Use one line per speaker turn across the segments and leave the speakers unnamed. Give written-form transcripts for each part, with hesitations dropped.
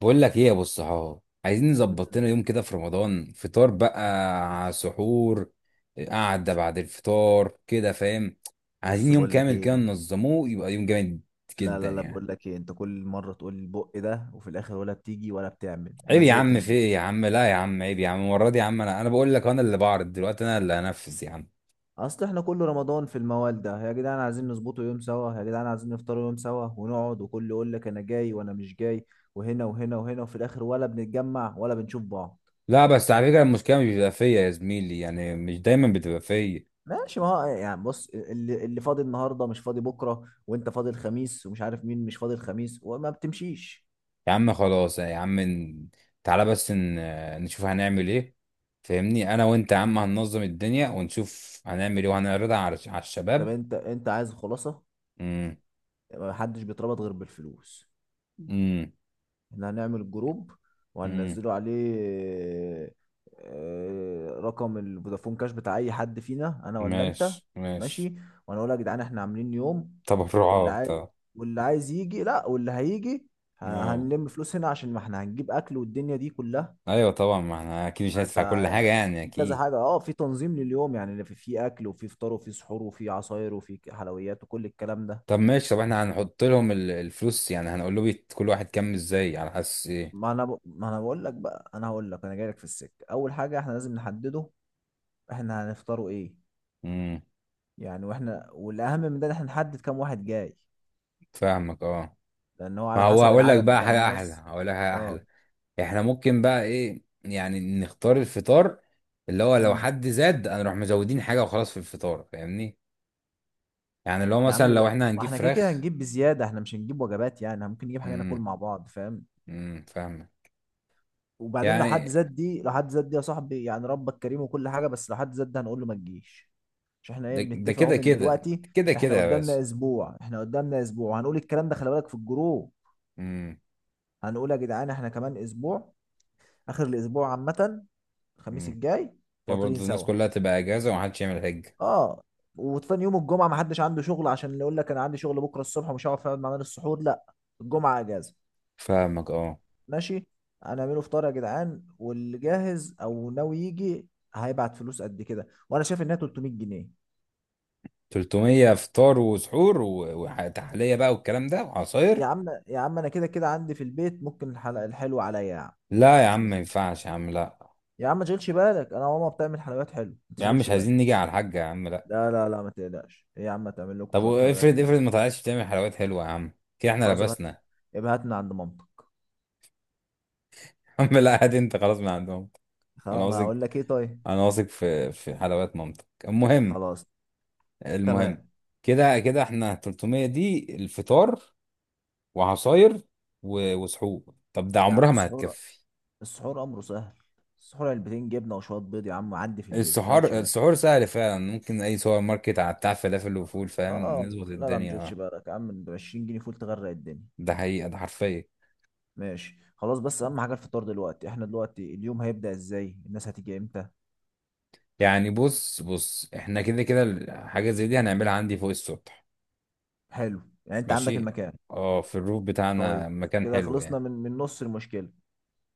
بقول لك ايه يا ابو الصحاب؟ عايزين نظبط
مم.
لنا يوم كده في رمضان، فطار بقى، سحور، قعده بعد الفطار، كده فاهم؟ عايزين
بص
يوم
بقول لك
كامل كده
ايه.
ننظموه، يبقى يوم جامد
لا
جدا
لا لا، بقول
يعني.
لك ايه، انت كل مره تقول البق ده وفي الاخر ولا بتيجي ولا بتعمل،
عيب
انا
يا
زهقت
عم، في
منه.
ايه يا عم، لا يا عم، عيب يا عم، المره دي يا عم انا بقول لك، انا اللي بعرض دلوقتي، انا اللي هنفذ يا عم.
اصل احنا كل رمضان في الموال ده يا جدعان، عايزين نظبطه يوم سوا يا جدعان، عايزين نفطروا يوم سوا ونقعد، وكل يقول لك انا جاي وانا مش جاي، وهنا وهنا وهنا، وفي الاخر ولا بنتجمع ولا بنشوف بعض.
لا بس على فكره، المشكله مش بتبقى فيا يا زميلي، يعني مش دايما بتبقى فيا.
ماشي، ما هو يعني بص، اللي فاضي النهارده مش فاضي بكره، وانت فاضي الخميس ومش عارف مين مش فاضي الخميس، وما بتمشيش.
يا عم خلاص يا عم، تعالى بس نشوف هنعمل ايه. فاهمني انا وانت يا عم، هننظم الدنيا ونشوف هنعمل ايه وهنعرضها على
طب
الشباب.
انت عايز خلاصه؟
امم.
محدش بيتربط غير بالفلوس.
امم.
احنا هنعمل جروب،
امم.
وهننزله عليه. رقم الفودافون كاش بتاع اي حد فينا، انا ولا انت.
ماشي ماشي.
ماشي. وانا اقول يا جدعان احنا عاملين يوم، واللي
تبرعات
عايز،
اه.
واللي عايز يجي لا، واللي هيجي ه-
آه.
هنلم فلوس هنا، عشان ما احنا هنجيب اكل والدنيا دي كلها.
ايوه طبعا، ما احنا اكيد مش
انت
هندفع كل حاجه يعني،
في كذا
اكيد.
حاجة اه، في تنظيم لليوم يعني، في اكل وفي فطار وفي سحور وفي عصاير وفي حلويات وكل الكلام ده.
طب ماشي، طب احنا هنحط لهم الفلوس، يعني هنقول له كل واحد كام، ازاي، على حس ايه.
ما انا بقول لك بقى، انا هقول لك انا جاي لك في السكة. اول حاجة احنا لازم نحدده، احنا هنفطروا ايه.
امم.
يعني واحنا، والاهم من ده ان احنا نحدد كام واحد جاي،
فاهمك اه.
لان هو
ما
على
هو
حسب
هقول لك
العدد
بقى
بتاع
حاجه احلى،
الناس.
هقول لك حاجه
اه.
احلى. احنا ممكن بقى ايه يعني، نختار الفطار اللي هو لو
امم.
حد زاد هنروح مزودين حاجة وخلاص في الفطار، فاهمني؟ يعني اللي هو
يا
مثلا
عم
لو احنا
ما
هنجيب
احنا كده كده
فراخ.
هنجيب بزياده، احنا مش هنجيب وجبات يعني، إحنا ممكن نجيب حاجه ناكل
امم.
مع بعض فاهم.
فاهمة.
وبعدين لو حد
يعني
زاد دي لو حد زاد دي يا صاحبي، يعني ربك كريم وكل حاجه، بس لو حد زاد ده هنقول له ما تجيش. مش احنا ايه
ده
بنتفق اهو
كده
من
كده.
دلوقتي.
كده كده
احنا
يا باشا.
قدامنا اسبوع احنا قدامنا اسبوع هنقول الكلام ده خلي بالك في الجروب.
امم.
هنقول يا جدعان احنا كمان اسبوع، اخر الاسبوع عامه، الخميس
امم.
الجاي،
يا
فاطرين
برضه الناس
سوا.
كلها تبقى اجازة ومحدش يعمل حاجة.
اه. وتاني يوم الجمعه ما حدش عنده شغل، عشان اللي يقول لك انا عندي شغل بكره الصبح ومش هعرف اقعد معانا للسحور، لا. الجمعه اجازه.
فاهمك اه.
ماشي. هنعمله فطار يا جدعان، واللي جاهز او ناوي يجي هيبعت فلوس قد كده، وانا شايف انها 300 جنيه.
300 فطار وسحور وتحلية بقى والكلام ده
يا
وعصاير.
عم يا عم انا كده كده عندي في البيت، ممكن الحلقه الحلوه عليا يا عم.
لا يا عم
مفيش
ما
مشكله.
ينفعش يا عم، لا
يا عم ما تشغلش بالك، انا ماما بتعمل حلويات حلوه، ما
يا عم،
تشغلش
مش
بالك.
عايزين نيجي على الحاجة يا عم، لا.
لا لا لا ما تقلقش، ايه يا عم، تعمل لكم
طب
شويه حلويات
وافرض، افرض
حلوه.
ما طلعتش بتعمل حلويات حلوه يا عم، كده احنا
خلاص ابهات،
لبسنا.
ابهات من عند مامتك.
يا عم لا، هات انت خلاص من عندهم. انا
خلاص، ما انا
واثق،
هقول لك ايه طيب.
انا واثق في في حلويات مامتك. المهم.
خلاص.
المهم،
تمام.
كده كده احنا 300 دي الفطار وعصاير وسحور، طب ده
يا عم
عمرها ما
السحور،
هتكفي.
السحور امره سهل. السحور علبتين جبنه وشويه بيض يا عم، عدي في البيت، ما
السحور،
تشغلش بالك.
السحور سهل فعلا، ممكن اي سوبر ماركت على بتاع فلافل وفول، فاهم؟
اه.
نظبط
لا لا، ما
الدنيا
تشغلش
اه.
بالك يا عم، ب 20 جنيه فول تغرق الدنيا.
ده حقيقه، ده حرفيا.
ماشي خلاص، بس اهم حاجه الفطار دلوقتي. احنا دلوقتي اليوم هيبدا ازاي، الناس هتيجي امتى؟
يعني بص بص، احنا كده كده حاجه زي دي هنعملها عندي فوق السطح.
حلو. يعني انت عندك
ماشي.
المكان.
اه، في الروف
طيب.
بتاعنا مكان
كده
حلو
خلصنا
يعني.
من نص المشكله.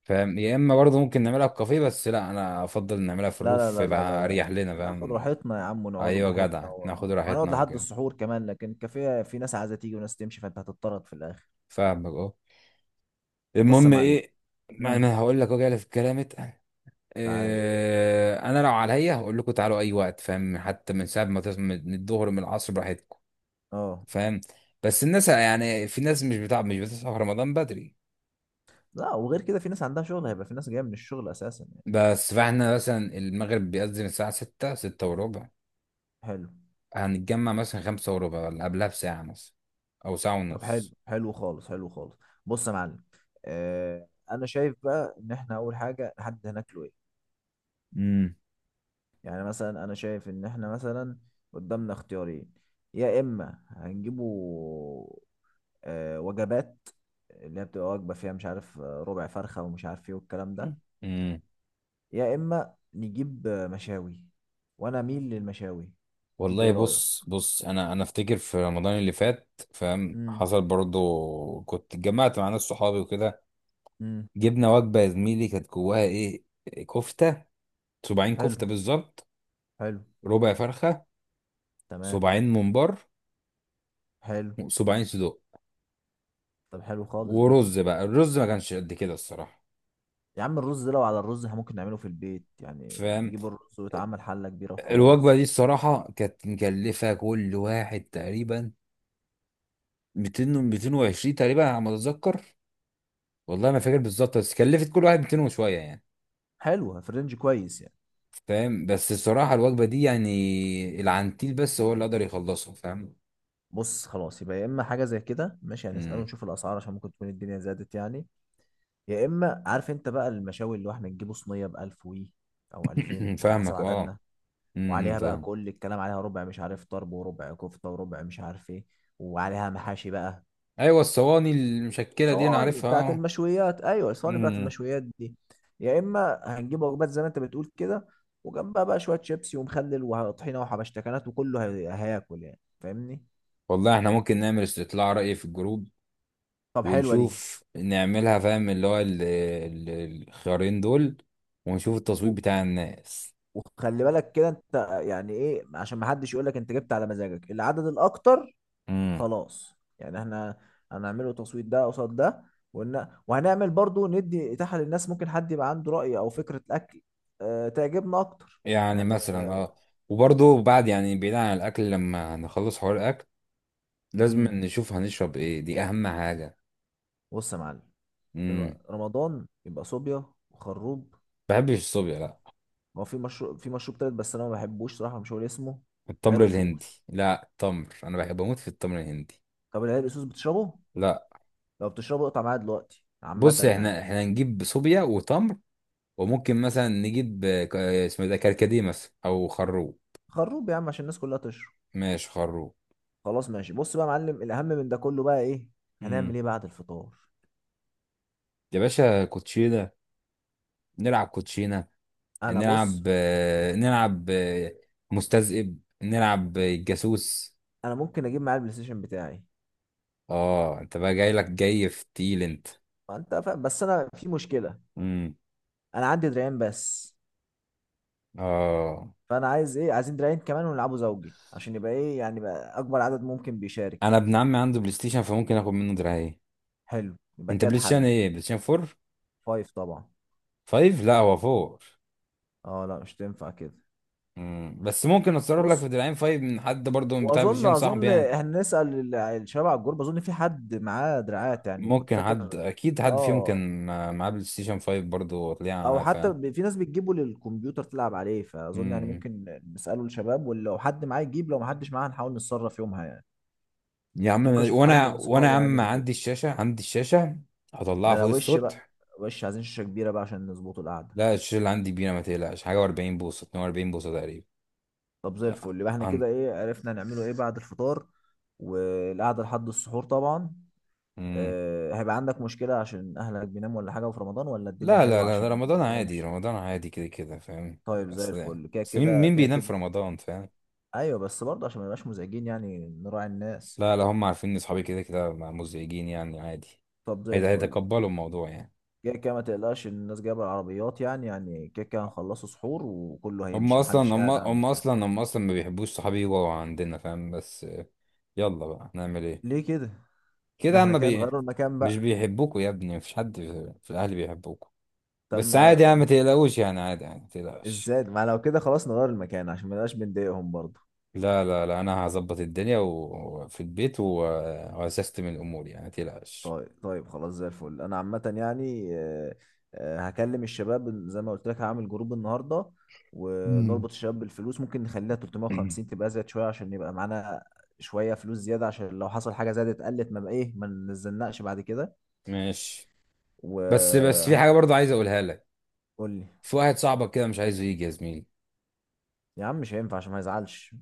فاهم؟ يا اما برضه ممكن نعملها في كافيه، بس لا، انا افضل نعملها في
لا لا
الروف
لا لا لا
يبقى
لا،
اريح لنا،
ناخد
فاهم؟
راحتنا يا عم، ونقعد
ايوه
براحتنا،
جدع، ناخد
وهنقعد
راحتنا
لحد
وكده.
السحور كمان، لكن الكافيه في ناس عايزه تيجي وناس تمشي، فانت هتضطرد في الاخر.
فاهمك اه.
بص يا
المهم
معلم.
ايه؟ ما
امم.
انا هقول لك، وجع في الكلام اتقل.
تعال.
إيه، انا لو عليا هقول لكم تعالوا اي وقت، فاهم، حتى من ساعه ما تصحوا، من الظهر، من العصر براحتكم.
اه.
فاهم؟ بس الناس يعني، في ناس مش بتصحى في رمضان بدري.
لا، وغير كده في ناس عندها شغل، هيبقى في ناس جايه من الشغل اساسا يعني.
بس فاحنا مثلا المغرب بيأذن الساعه 6، 6 وربع.
حلو.
هنتجمع مثلا 5:15، ولا قبلها بساعة مثلا، أو ساعة
طب حلو
ونص.
حلو خالص حلو خالص. بص يا معلم. آه انا شايف بقى ان احنا اول حاجه نحدد هناكله ايه.
امم.
يعني مثلا انا شايف ان احنا مثلا قدامنا اختيارين. يا اما هنجيبه وجبات، اللي هي بتبقى وجبه فيها مش عارف ربع فرخه ومش عارف ايه والكلام ده.
امم.
يا اما نجيب مشاوي، وانا اميل للمشاوي. انت
والله
ايه رايك؟
بص بص، انا افتكر في رمضان اللي فات، فاهم،
امم.
حصل برضو، كنت اتجمعت مع ناس صحابي وكده.
امم.
جبنا وجبه يا زميلي كانت جواها ايه، كفته، صباعين
حلو.
كفته بالظبط،
حلو.
ربع فرخه،
تمام.
صباعين ممبار،
حلو.
صباعين صدوق.
طب حلو خالص دي.
ورز، بقى الرز ما كانش قد كده الصراحه.
يا عم الرز ده، لو على الرز احنا ممكن نعمله في البيت يعني،
فاهم.
نجيب الرز ويتعمل حلة كبيرة
الوجبه
وخلاص.
دي الصراحه كانت مكلفه كل واحد تقريبا 200 و 220 تقريبا على ما اتذكر. والله ما فاكر بالظبط، بس كلفت كل واحد 200 وشويه يعني.
حلوة، في رينج كويس يعني.
فاهم، بس الصراحه الوجبه دي يعني العنتيل بس هو اللي قدر يخلصها. فاهم.
بص خلاص، يبقى يا اما حاجة زي كده ماشي، هنسأله
مم.
نشوف الأسعار، عشان ممكن تكون الدنيا زادت يعني. يا اما، عارف انت بقى، المشاوي اللي هو احنا نجيبه صينية بألف وي، او ألفين على حسب
فاهمك اه.
عددنا.
مم،
وعليها بقى
فاهم.
كل الكلام، عليها ربع مش عارف طرب وربع كفتة وربع مش عارف ايه، وعليها محاشي بقى.
ايوه الصواني، المشكله دي انا
صواني
عارفها
بتاعت
اه.
المشويات، ايوه الصواني بتاعت
مم.
المشويات دي. يا اما هنجيب وجبات زي ما انت بتقول كده، وجنبها بقى شويه شيبسي ومخلل وطحينه وحبشتكنات، وكله هياكل يعني فاهمني.
والله احنا ممكن نعمل استطلاع رأي في الجروب
طب حلوه دي.
ونشوف نعملها، فاهم، اللي هو الخيارين دول، ونشوف التصويت
و-
بتاع الناس.
وخلي بالك كده انت، يعني ايه، عشان ما حدش يقول لك انت جبت على مزاجك العدد الاكتر. خلاص يعني احنا هنعمله تصويت، ده قصاد ده. وهنعمل برضو ندي اتاحه للناس، ممكن حد يبقى عنده راي او فكره اكل أه تعجبنا اكتر
يعني
يعني.
مثلا اه. وبرضه بعد يعني، بعيد عن الاكل، لما نخلص حوار الاكل لازم
امم.
نشوف هنشرب ايه، دي اهم حاجه.
بص يا معلم،
امم.
رمضان يبقى صوبيا وخروب.
بحبش الصوبيا لا.
ما هو في مشروب تالت، بس انا ما بحبوش صراحه، مش هقول اسمه.
التمر
عرق
الهندي،
سوس.
لا التمر، انا بحب بموت في التمر الهندي.
طب العرق سوس بتشربه؟
لا
لو بتشربه اقطع معايا دلوقتي
بص،
عامه يعني.
احنا احنا نجيب صوبيا وتمر، وممكن مثلا نجيب اسمه ده كركديه مثلا، او خروب.
خروب يا عم، عشان الناس كلها تشرب.
ماشي خروب.
خلاص ماشي. بص بقى يا معلم، الاهم من ده كله بقى ايه؟
امم.
هنعمل ايه بعد الفطار؟
يا باشا كوتشينه، نلعب كوتشينه.
انا بص،
نلعب نلعب مستذئب، نلعب جاسوس.
انا ممكن اجيب معايا البلاي ستيشن بتاعي.
اه انت بقى جاي لك جاي في تيل انت.
ما انت فاهم، بس انا في مشكله.
امم.
انا عندي دراعين بس،
اه
فانا عايز ايه، عايزين دراعين كمان ونلعبه زوجي، عشان يبقى ايه يعني، بقى اكبر عدد ممكن
انا
بيشارك.
ابن عمي عنده بلاي ستيشن، فممكن اخد منه دراعين.
حلو، يبقى
انت
كده
بلاي ستيشن
اتحل.
ايه؟ بلاي ستيشن 4؟
فايف طبعا.
5 لا هو؟ 4.
اه لا، مش تنفع كده.
امم، بس ممكن اتصرف لك
بص،
في دراعين 5 من حد برضه، من بتاع بلاي
واظن
ستيشن صاحبي
اظن
يعني.
هنسال الشباب على الجروب، اظن في حد معاه دراعات يعني، كنت
ممكن حد
فاكر.
اكيد حد فيهم
اه.
كان معاه بلاي ستيشن 5 برضه
او
وطلع ف.
حتى في ناس بتجيبه للكمبيوتر تلعب عليه، فاظن يعني
امم.
ممكن نساله الشباب، ولو حد معاه يجيب، لو ما حدش معاه هنحاول نتصرف يومها يعني.
يا عم
ممكن اشوف حد
وانا
من
يا
صحابي
عم
يعني وكده.
عندي الشاشه، عندي الشاشه، هطلعها
ده
فوق
لو وش بقى،
السطح.
وش عايزين شاشه كبيره بقى، عشان نظبطوا القعده.
لا الشاشه اللي عندي كبيره، ما تقلقش حاجه، و40 بوصه، 42 بوصه
طب زي الفل، يبقى احنا
تقريبا.
كده ايه، عرفنا هنعمله ايه بعد الفطار والقعده لحد السحور طبعا.
مم.
هيبقى عندك مشكلة عشان أهلك بيناموا ولا حاجة، وفي رمضان ولا الدنيا
لا لا
حلوة،
لا،
عشان
ده
ما
رمضان عادي،
تضايقهمش.
رمضان عادي كده كده فاهم.
طيب زي
اصل،
الفل. كده
اصل مين
كده
مين
كده
بينام في
كده.
رمضان، فاهم.
أيوة، بس برضه عشان ما يبقاش مزعجين يعني، نراعي الناس.
لا لا، هم عارفين ان اصحابي كده كده مزعجين يعني عادي.
طب زي
هيدا
الفل.
هيتقبلوا الموضوع يعني.
كده كده، ما تقلقش، الناس جايبة العربيات يعني، يعني كده كده هنخلصوا سحور وكله
هم
هيمشي،
اصلا،
محدش
هم
قاعد
هم
عندك يعني.
اصلا هم اصلا ما بيحبوش صحابي يبقوا عندنا، فاهم، بس آه. يلا بقى نعمل ايه.
ليه كده؟ ده
كده
احنا
اما
كده
بي.
نغيروا المكان
مش
بقى.
بيحبوكوا يا ابني، مفيش حد في في الاهل بيحبوكوا،
طب
بس
ما،
عادي يعني، ما تقلقوش يعني عادي يعني ما تقلقش.
ازاي ما، لو كده خلاص نغير المكان، عشان ما نبقاش بنضايقهم برضه.
لا لا لا، انا هظبط الدنيا وفي البيت وهسستم الامور يعني ما تقلقش.
طيب طيب خلاص، زي الفل انا عامه يعني. هكلم الشباب زي ما قلت لك، هعمل جروب النهارده،
امم.
ونربط الشباب بالفلوس. ممكن نخليها
مم.
350 تبقى زيادة شويه، عشان يبقى معانا شويه فلوس زياده، عشان لو حصل حاجه زادت، قلت ما بقى ايه، ما نزلناش بعد كده.
ماشي. بس بس
وقول
في حاجه برضه عايز اقولها لك.
لي.
في واحد صاحبك كده مش عايزه يجي يا زميلي.
يا عم مش هينفع، عشان ما يزعلش.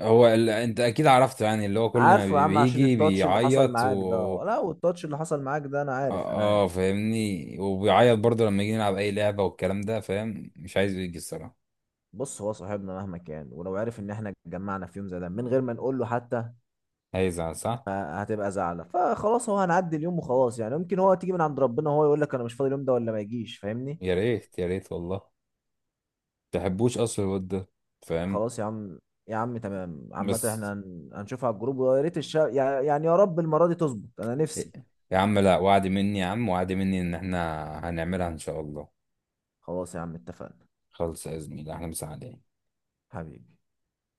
هو ال... انت اكيد عرفته يعني، اللي هو كل ما
عارفه يا عم، عشان
بيجي
التاتش اللي حصل
بيعيط
معاك ده.
و.
لا، والتاتش اللي حصل معاك ده انا عارف، انا
اه.
عارف.
آه فاهمني، وبيعيط برضه لما يجي نلعب اي لعبه والكلام ده، فاهم، مش عايزه يجي الصراحه.
بص، هو صاحبنا مهما كان، ولو عارف ان احنا اتجمعنا في يوم زي ده من غير ما نقول له حتى،
هيزعل صح.
فهتبقى زعلة. فخلاص هو، هنعدي اليوم وخلاص يعني، ممكن هو تيجي من عند ربنا هو يقول لك انا مش فاضي اليوم ده، ولا ما يجيش فاهمني.
يا ريت يا ريت، والله ما تحبوش اصلا الواد ده، فاهم،
خلاص يا عم. يا عم تمام عامة،
بس.
احنا هنشوفها على الجروب، ويا ريت يعني يعني، يا رب المرة دي تظبط انا نفسي.
يا عم لا، وعد مني يا عم، وعد مني ان احنا هنعملها ان شاء الله.
خلاص يا عم، اتفقنا.
خلص يا زميلي احنا، مسا عليك.
حبيبي.